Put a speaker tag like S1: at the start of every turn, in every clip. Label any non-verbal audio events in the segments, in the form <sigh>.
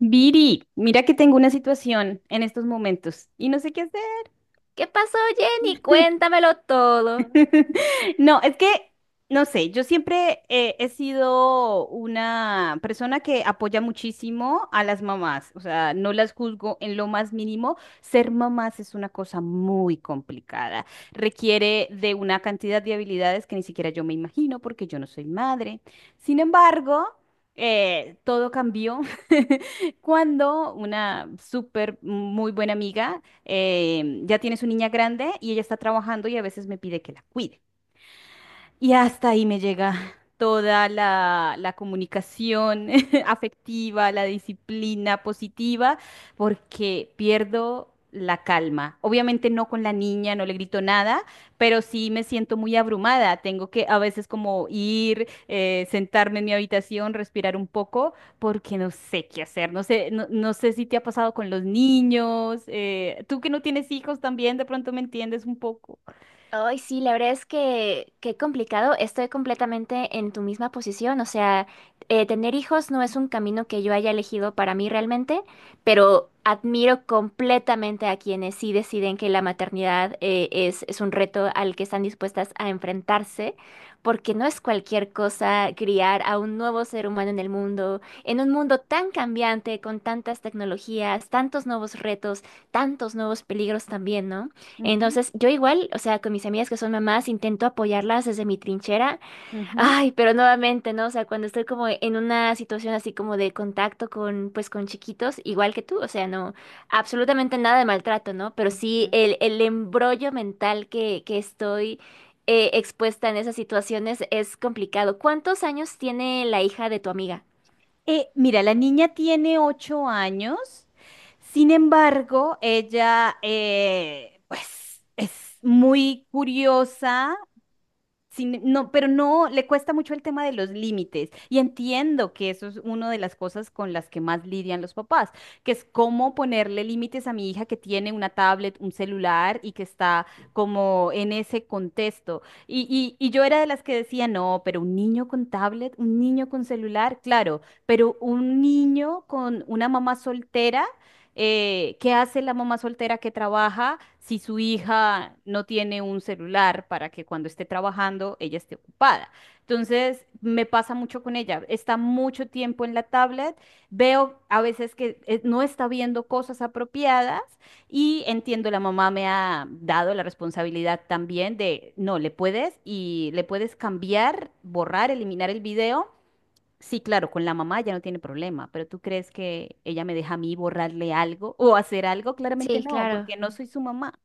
S1: Viri, mira que tengo una situación en estos momentos y no sé qué hacer.
S2: ¿Qué pasó, Jenny?
S1: <laughs>
S2: Cuéntamelo todo.
S1: <laughs> No, es que, no sé, yo siempre he sido una persona que apoya muchísimo a las mamás, o sea, no las juzgo en lo más mínimo. Ser mamás es una cosa muy complicada, requiere de una cantidad de habilidades que ni siquiera yo me imagino porque yo no soy madre. Sin embargo, todo cambió <laughs> cuando una súper muy buena amiga ya tiene su niña grande y ella está trabajando y a veces me pide que la cuide. Y hasta ahí me llega toda la comunicación <laughs> afectiva, la disciplina positiva, porque pierdo la calma. Obviamente no con la niña, no le grito nada, pero sí me siento muy abrumada. Tengo que a veces como ir, sentarme en mi habitación, respirar un poco, porque no sé qué hacer. No sé, no, no sé si te ha pasado con los niños. Tú que no tienes hijos también, de pronto me entiendes un poco.
S2: Ay, sí, la verdad es que qué complicado. Estoy completamente en tu misma posición. O sea, tener hijos no es un camino que yo haya elegido para mí realmente, pero admiro completamente a quienes sí deciden que la maternidad es un reto al que están dispuestas a enfrentarse, porque no es cualquier cosa criar a un nuevo ser humano en el mundo, en un mundo tan cambiante, con tantas tecnologías, tantos nuevos retos, tantos nuevos peligros también, ¿no?
S1: Ujú,
S2: Entonces, yo igual, o sea, con mis amigas que son mamás, intento apoyarlas desde mi trinchera.
S1: ujú.
S2: Ay, pero nuevamente, ¿no? O sea, cuando estoy como en una situación así como de contacto con, pues, con chiquitos, igual que tú, o sea, no, absolutamente nada de maltrato, ¿no? Pero sí
S1: Ujú.
S2: el embrollo mental que estoy expuesta en esas situaciones es complicado. ¿Cuántos años tiene la hija de tu amiga?
S1: Mira, la niña tiene 8 años, sin embargo, ella pues es muy curiosa, no, pero no, le cuesta mucho el tema de los límites. Y entiendo que eso es una de las cosas con las que más lidian los papás, que es cómo ponerle límites a mi hija que tiene una tablet, un celular y que está como en ese contexto. Y yo era de las que decía, no, pero un niño con tablet, un niño con celular, claro, pero un niño con una mamá soltera ¿qué hace la mamá soltera que trabaja si su hija no tiene un celular para que cuando esté trabajando ella esté ocupada? Entonces, me pasa mucho con ella. Está mucho tiempo en la tablet, veo a veces que no está viendo cosas apropiadas y entiendo, la mamá me ha dado la responsabilidad también de, no, le puedes y le puedes cambiar, borrar, eliminar el video. Sí, claro, con la mamá ya no tiene problema, pero ¿tú crees que ella me deja a mí borrarle algo o hacer algo? Claramente
S2: Sí,
S1: no,
S2: claro.
S1: porque no soy su mamá.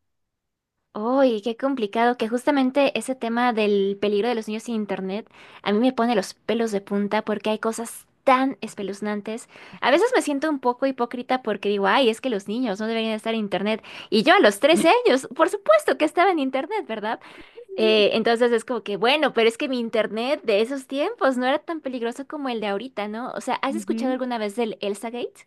S2: Uy, qué complicado, que justamente ese tema del peligro de los niños sin internet a mí me pone los pelos de punta porque hay cosas tan espeluznantes. A veces me siento un poco hipócrita porque digo, ay, es que los niños no deberían estar en internet. Y yo a los 13
S1: <laughs>
S2: años, por supuesto que estaba en internet, ¿verdad? Entonces es como que, bueno, pero es que mi internet de esos tiempos no era tan peligroso como el de ahorita, ¿no? O sea, ¿has escuchado
S1: Ujú.
S2: alguna vez del Elsa Gate?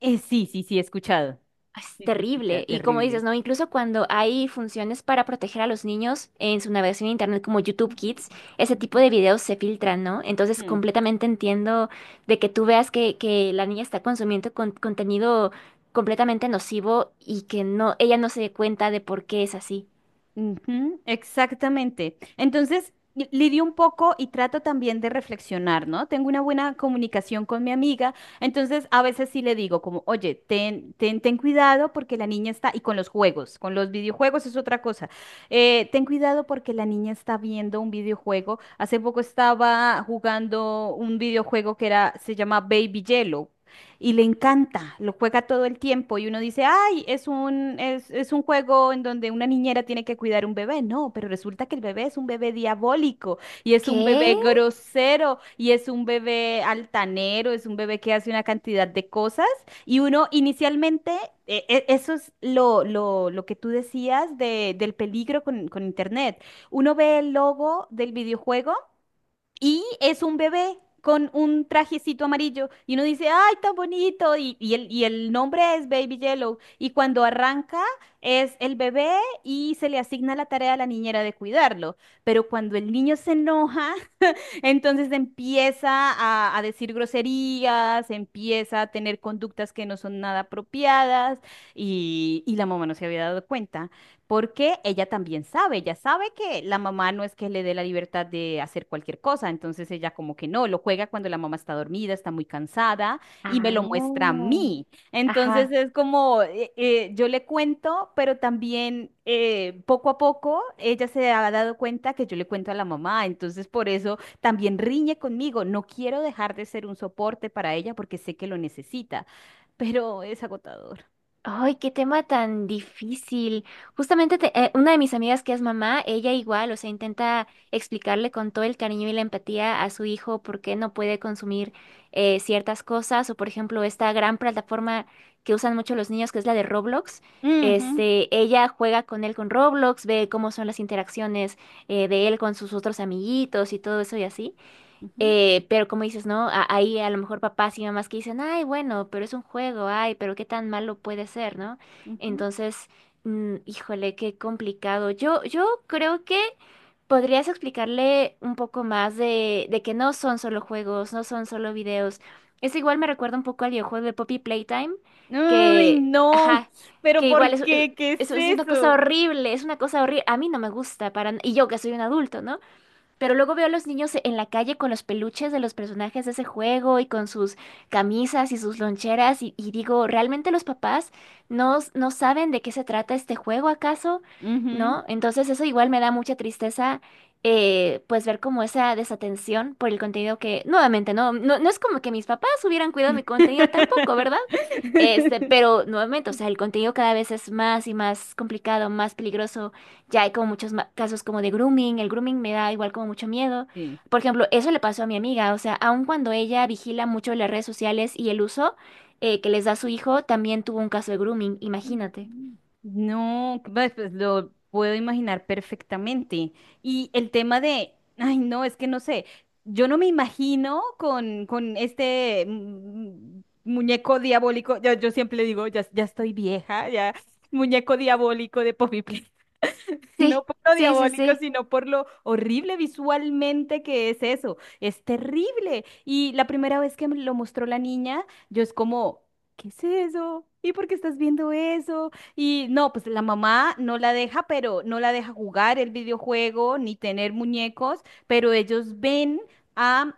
S1: Sí, sí, sí, he escuchado.
S2: Es
S1: Sí, sí, he escuchado,
S2: terrible. Y como dices,
S1: terrible.
S2: ¿no? Incluso cuando hay funciones para proteger a los niños en su navegación en internet como YouTube
S1: Ujú,
S2: Kids, ese tipo de videos se filtran, ¿no? Entonces
S1: ujú.
S2: completamente entiendo de que tú veas que la niña está consumiendo contenido completamente nocivo y que no, ella no se dé cuenta de por qué es así.
S1: Ujú, exactamente. Entonces, lidio un poco y trato también de reflexionar, ¿no? Tengo una buena comunicación con mi amiga, entonces a veces sí le digo como, oye, ten cuidado porque la niña está, y con los juegos, con los videojuegos es otra cosa. Ten cuidado porque la niña está viendo un videojuego. Hace poco estaba jugando un videojuego se llama Baby Yellow y le encanta, lo juega todo el tiempo y uno dice, ay, es un juego en donde una niñera tiene que cuidar un bebé. No, pero resulta que el bebé es un bebé diabólico y es un
S2: ¿Qué?
S1: bebé grosero y es un bebé altanero, es un bebé que hace una cantidad de cosas y uno inicialmente... Eso es lo que tú decías del peligro con Internet. Uno ve el logo del videojuego y es un bebé con un trajecito amarillo. Y uno dice, ¡ay, tan bonito! Y el nombre es Baby Yellow. Y cuando arranca es el bebé y se le asigna la tarea a la niñera de cuidarlo. Pero cuando el niño se enoja, entonces empieza a decir groserías, empieza a tener conductas que no son nada apropiadas y la mamá no se había dado cuenta porque ella también sabe, ella sabe que la mamá no es que le dé la libertad de hacer cualquier cosa, entonces ella como que no, lo juega cuando la mamá está dormida, está muy cansada y me lo muestra a
S2: Ah.
S1: mí. Entonces
S2: Ajá.
S1: es como, yo le cuento, pero también poco a poco ella se ha dado cuenta que yo le cuento a la mamá, entonces por eso también riñe conmigo, no quiero dejar de ser un soporte para ella porque sé que lo necesita, pero es agotador.
S2: Ay, qué tema tan difícil. Justamente, una de mis amigas que es mamá, ella igual, o sea, intenta explicarle con todo el cariño y la empatía a su hijo por qué no puede consumir ciertas cosas, o por ejemplo, esta gran plataforma que usan mucho los niños, que es la de Roblox.
S1: Ujú,
S2: Este, ella juega con él con Roblox, ve cómo son las interacciones de él con sus otros amiguitos y todo eso y así.
S1: ujú,
S2: Pero como dices, ¿no? Ahí a lo mejor papás y mamás que dicen, ay, bueno, pero es un juego, ay, pero qué tan malo puede ser, ¿no?
S1: ujú.
S2: Entonces, híjole, qué complicado. Yo creo que podrías explicarle un poco más de que no son solo juegos, no son solo videos. Es igual me recuerda un poco al videojuego de Poppy Playtime,
S1: Ay,
S2: que,
S1: no,
S2: ajá,
S1: pero
S2: que igual
S1: ¿por qué? ¿Qué es
S2: es una cosa
S1: eso?
S2: horrible, es una cosa horrible. A mí no me gusta para, y yo que soy un adulto, ¿no? Pero luego veo a los niños en la calle con los peluches de los personajes de ese juego y con sus camisas y sus loncheras y digo, ¿realmente los papás no, no saben de qué se trata este juego acaso?
S1: Ujú.
S2: ¿No? Entonces eso igual me da mucha tristeza, pues ver como esa desatención por el contenido que, nuevamente, no es como que mis papás hubieran cuidado mi contenido tampoco, ¿verdad? Este,
S1: <laughs>
S2: pero nuevamente, o sea, el contenido cada vez es más y más complicado, más peligroso ya hay como muchos casos como de grooming. El grooming me da igual como mucho miedo.
S1: Sí.
S2: Por ejemplo, eso le pasó a mi amiga. O sea, aun cuando ella vigila mucho las redes sociales y el uso que les da su hijo, también tuvo un caso de grooming, imagínate.
S1: No, pues pues, lo puedo imaginar perfectamente. Y el tema de, ay, no, es que no sé, yo no me imagino con este muñeco diabólico, yo siempre le digo, ya, ya estoy vieja, ya, muñeco diabólico de Poppy Playtime. <laughs> No
S2: Sí,
S1: por lo
S2: sí, sí,
S1: diabólico,
S2: sí.
S1: sino por lo horrible visualmente que es eso. Es terrible. Y la primera vez que me lo mostró la niña, yo es como... ¿Qué es eso? ¿Y por qué estás viendo eso? Y no, pues la mamá no la deja, pero no la deja jugar el videojuego ni tener muñecos, pero ellos ven a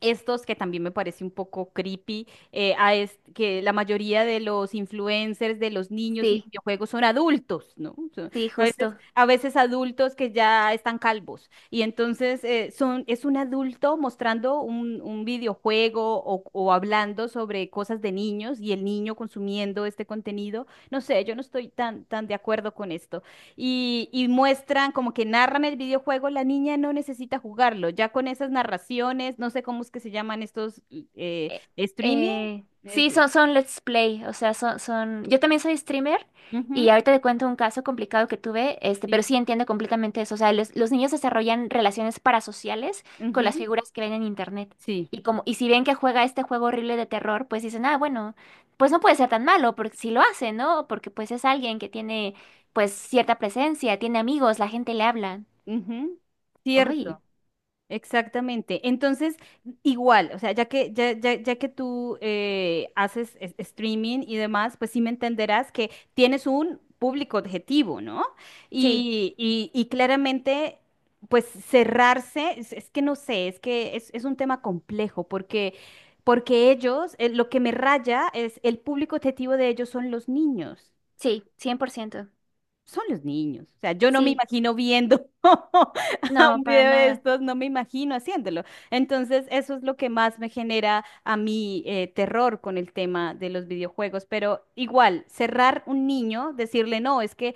S1: estos que también me parece un poco creepy, que la mayoría de los influencers de los niños y
S2: Sí,
S1: videojuegos son adultos, ¿no?
S2: sí,
S1: A veces,
S2: justo.
S1: a veces adultos que ya están calvos. Y entonces es un adulto mostrando un videojuego o hablando sobre cosas de niños y el niño consumiendo este contenido. No sé, yo no estoy tan de acuerdo con esto. Y muestran como que narran el videojuego, la niña no necesita jugarlo. Ya con esas narraciones, no sé cómo es que se llaman estos
S2: Eh,
S1: streaming.
S2: eh,
S1: es-
S2: sí, son, son Let's Play, o sea, son... Yo también soy streamer
S1: Ujú,
S2: y ahorita te cuento un caso complicado que tuve, este,
S1: sí,
S2: pero sí entiendo completamente eso. O sea, los niños desarrollan relaciones parasociales con las
S1: ujú,
S2: figuras que ven en internet.
S1: sí,
S2: Y como, y si ven que juega este juego horrible de terror, pues dicen, ah, bueno, pues no puede ser tan malo, porque si lo hace, ¿no? Porque pues es alguien que tiene, pues, cierta presencia, tiene amigos, la gente le habla.
S1: ujú.
S2: Uy,
S1: Cierto. Exactamente. Entonces, igual, o sea, ya que, ya que tú haces streaming y demás, pues sí me entenderás que tienes un público objetivo, ¿no?
S2: sí,
S1: Y claramente, pues cerrarse, es que no sé, es un tema complejo porque... Porque ellos, lo que me raya es el público objetivo de ellos son los niños,
S2: sí, 100%.
S1: son los niños. O sea, yo no me
S2: Sí,
S1: imagino viendo <laughs> a un
S2: no, para
S1: video de
S2: nada.
S1: estos, no me imagino haciéndolo. Entonces, eso es lo que más me genera a mí terror con el tema de los videojuegos. Pero igual, cerrar un niño, decirle, no, es que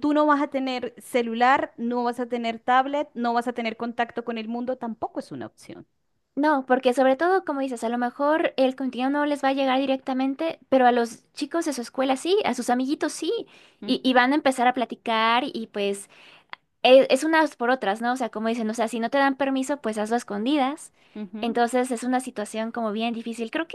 S1: tú no vas a tener celular, no vas a tener tablet, no vas a tener contacto con el mundo, tampoco es una opción.
S2: No, porque sobre todo, como dices, a lo mejor el contenido no les va a llegar directamente, pero a los chicos de su escuela sí, a sus amiguitos sí, y
S1: Ujú,
S2: van a empezar a platicar y pues es, unas por otras, ¿no? O sea, como dicen, o sea, si no te dan permiso, pues hazlo a escondidas.
S1: ujú,
S2: Entonces es una situación como bien difícil. Creo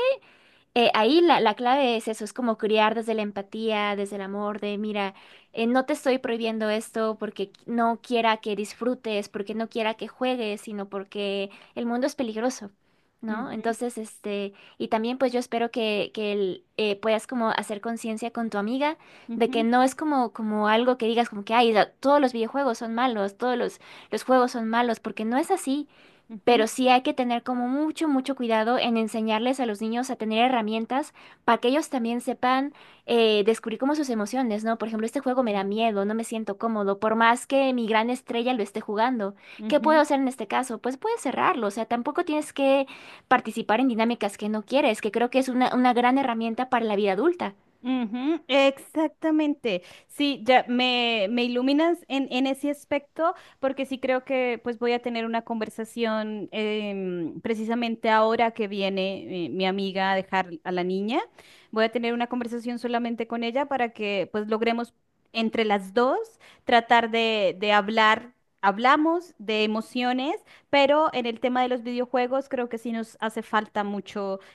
S2: ahí la clave es eso, es como criar desde la empatía, desde el amor, de mira, no te estoy prohibiendo esto porque no quiera que disfrutes, porque no quiera que juegues, sino porque el mundo es peligroso, ¿no?
S1: ujú,
S2: Entonces, este, y también pues yo espero que puedas como hacer conciencia con tu amiga de que
S1: ujú,
S2: no es como, como algo que digas como que, ay, todos los videojuegos son malos, los juegos son malos, porque no es así. Pero sí hay que tener como mucho, mucho cuidado en enseñarles a los niños a tener herramientas para que ellos también sepan descubrir como sus emociones, ¿no? Por ejemplo, este juego me da
S1: ujú,
S2: miedo, no me siento cómodo, por más que mi gran estrella lo esté jugando. ¿Qué puedo
S1: ujú,
S2: hacer en este caso? Pues puedes cerrarlo, o sea, tampoco tienes que participar en dinámicas que no quieres, que creo que es una gran herramienta para la vida adulta.
S1: ujú, exactamente. Sí, ya me iluminas en ese aspecto porque sí creo que pues voy a tener una conversación precisamente ahora que viene mi amiga a dejar a la niña. Voy a tener una conversación solamente con ella para que pues logremos entre las dos tratar de hablar. Hablamos de emociones, pero en el tema de los videojuegos creo que sí nos hace falta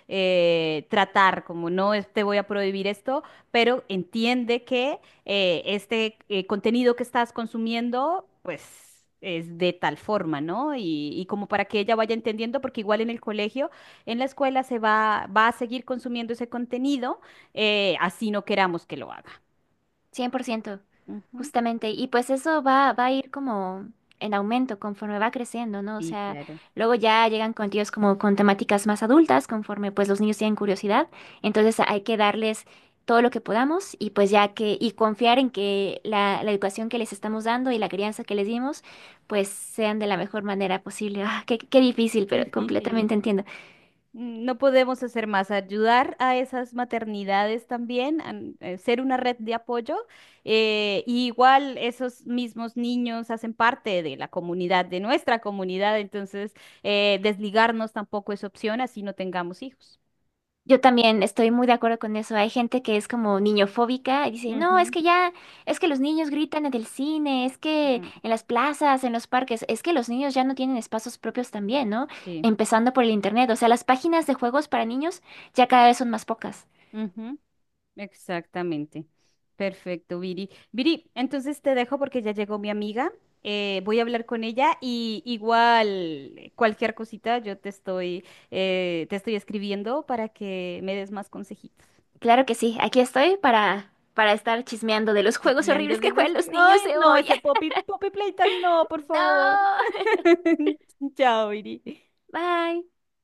S1: tratar, como no te voy a prohibir esto, pero entiende que este contenido que estás consumiendo, pues... es de tal forma, ¿no? Y como para que ella vaya entendiendo, porque igual en el colegio, en la escuela va a seguir consumiendo ese contenido, así no queramos que lo haga.
S2: 100%
S1: Ujú.
S2: justamente. Y pues eso va, va a ir como en aumento conforme va creciendo, ¿no? O
S1: Sí,
S2: sea,
S1: claro.
S2: luego ya llegan contenidos como con temáticas más adultas, conforme pues los niños tienen curiosidad. Entonces hay que darles todo lo que podamos y pues ya que, y confiar en que la educación que les estamos dando y la crianza que les dimos, pues sean de la mejor manera posible. Ah, qué, qué difícil, pero
S1: Sí, sí.
S2: completamente entiendo.
S1: Mm, no podemos hacer más, ayudar a esas maternidades también, ser una red de apoyo. Y igual esos mismos niños hacen parte de la comunidad, de nuestra comunidad, entonces desligarnos tampoco es opción, así no tengamos hijos.
S2: Yo también estoy muy de acuerdo con eso. Hay gente que es como niñofóbica y dice, no, es
S1: Ujú,
S2: que ya, es que los niños gritan en el cine, es que
S1: ujú.
S2: en las plazas, en los parques, es que los niños ya no tienen espacios propios también, ¿no?
S1: Sí.
S2: Empezando por el internet. O sea, las páginas de juegos para niños ya cada vez son más pocas.
S1: Ujú. Exactamente. Perfecto, Viri. Viri, entonces te dejo porque ya llegó mi amiga. Voy a hablar con ella y igual cualquier cosita yo te estoy escribiendo para que me des más consejitos.
S2: Claro que sí, aquí estoy para estar chismeando de los juegos
S1: Chismeando
S2: horribles
S1: de
S2: que
S1: los...
S2: juegan los niños
S1: Ay,
S2: de
S1: no,
S2: hoy.
S1: ese
S2: <laughs>
S1: Poppy Playtime, no, por favor.
S2: No,
S1: <laughs> Chao, Viri.
S2: bye.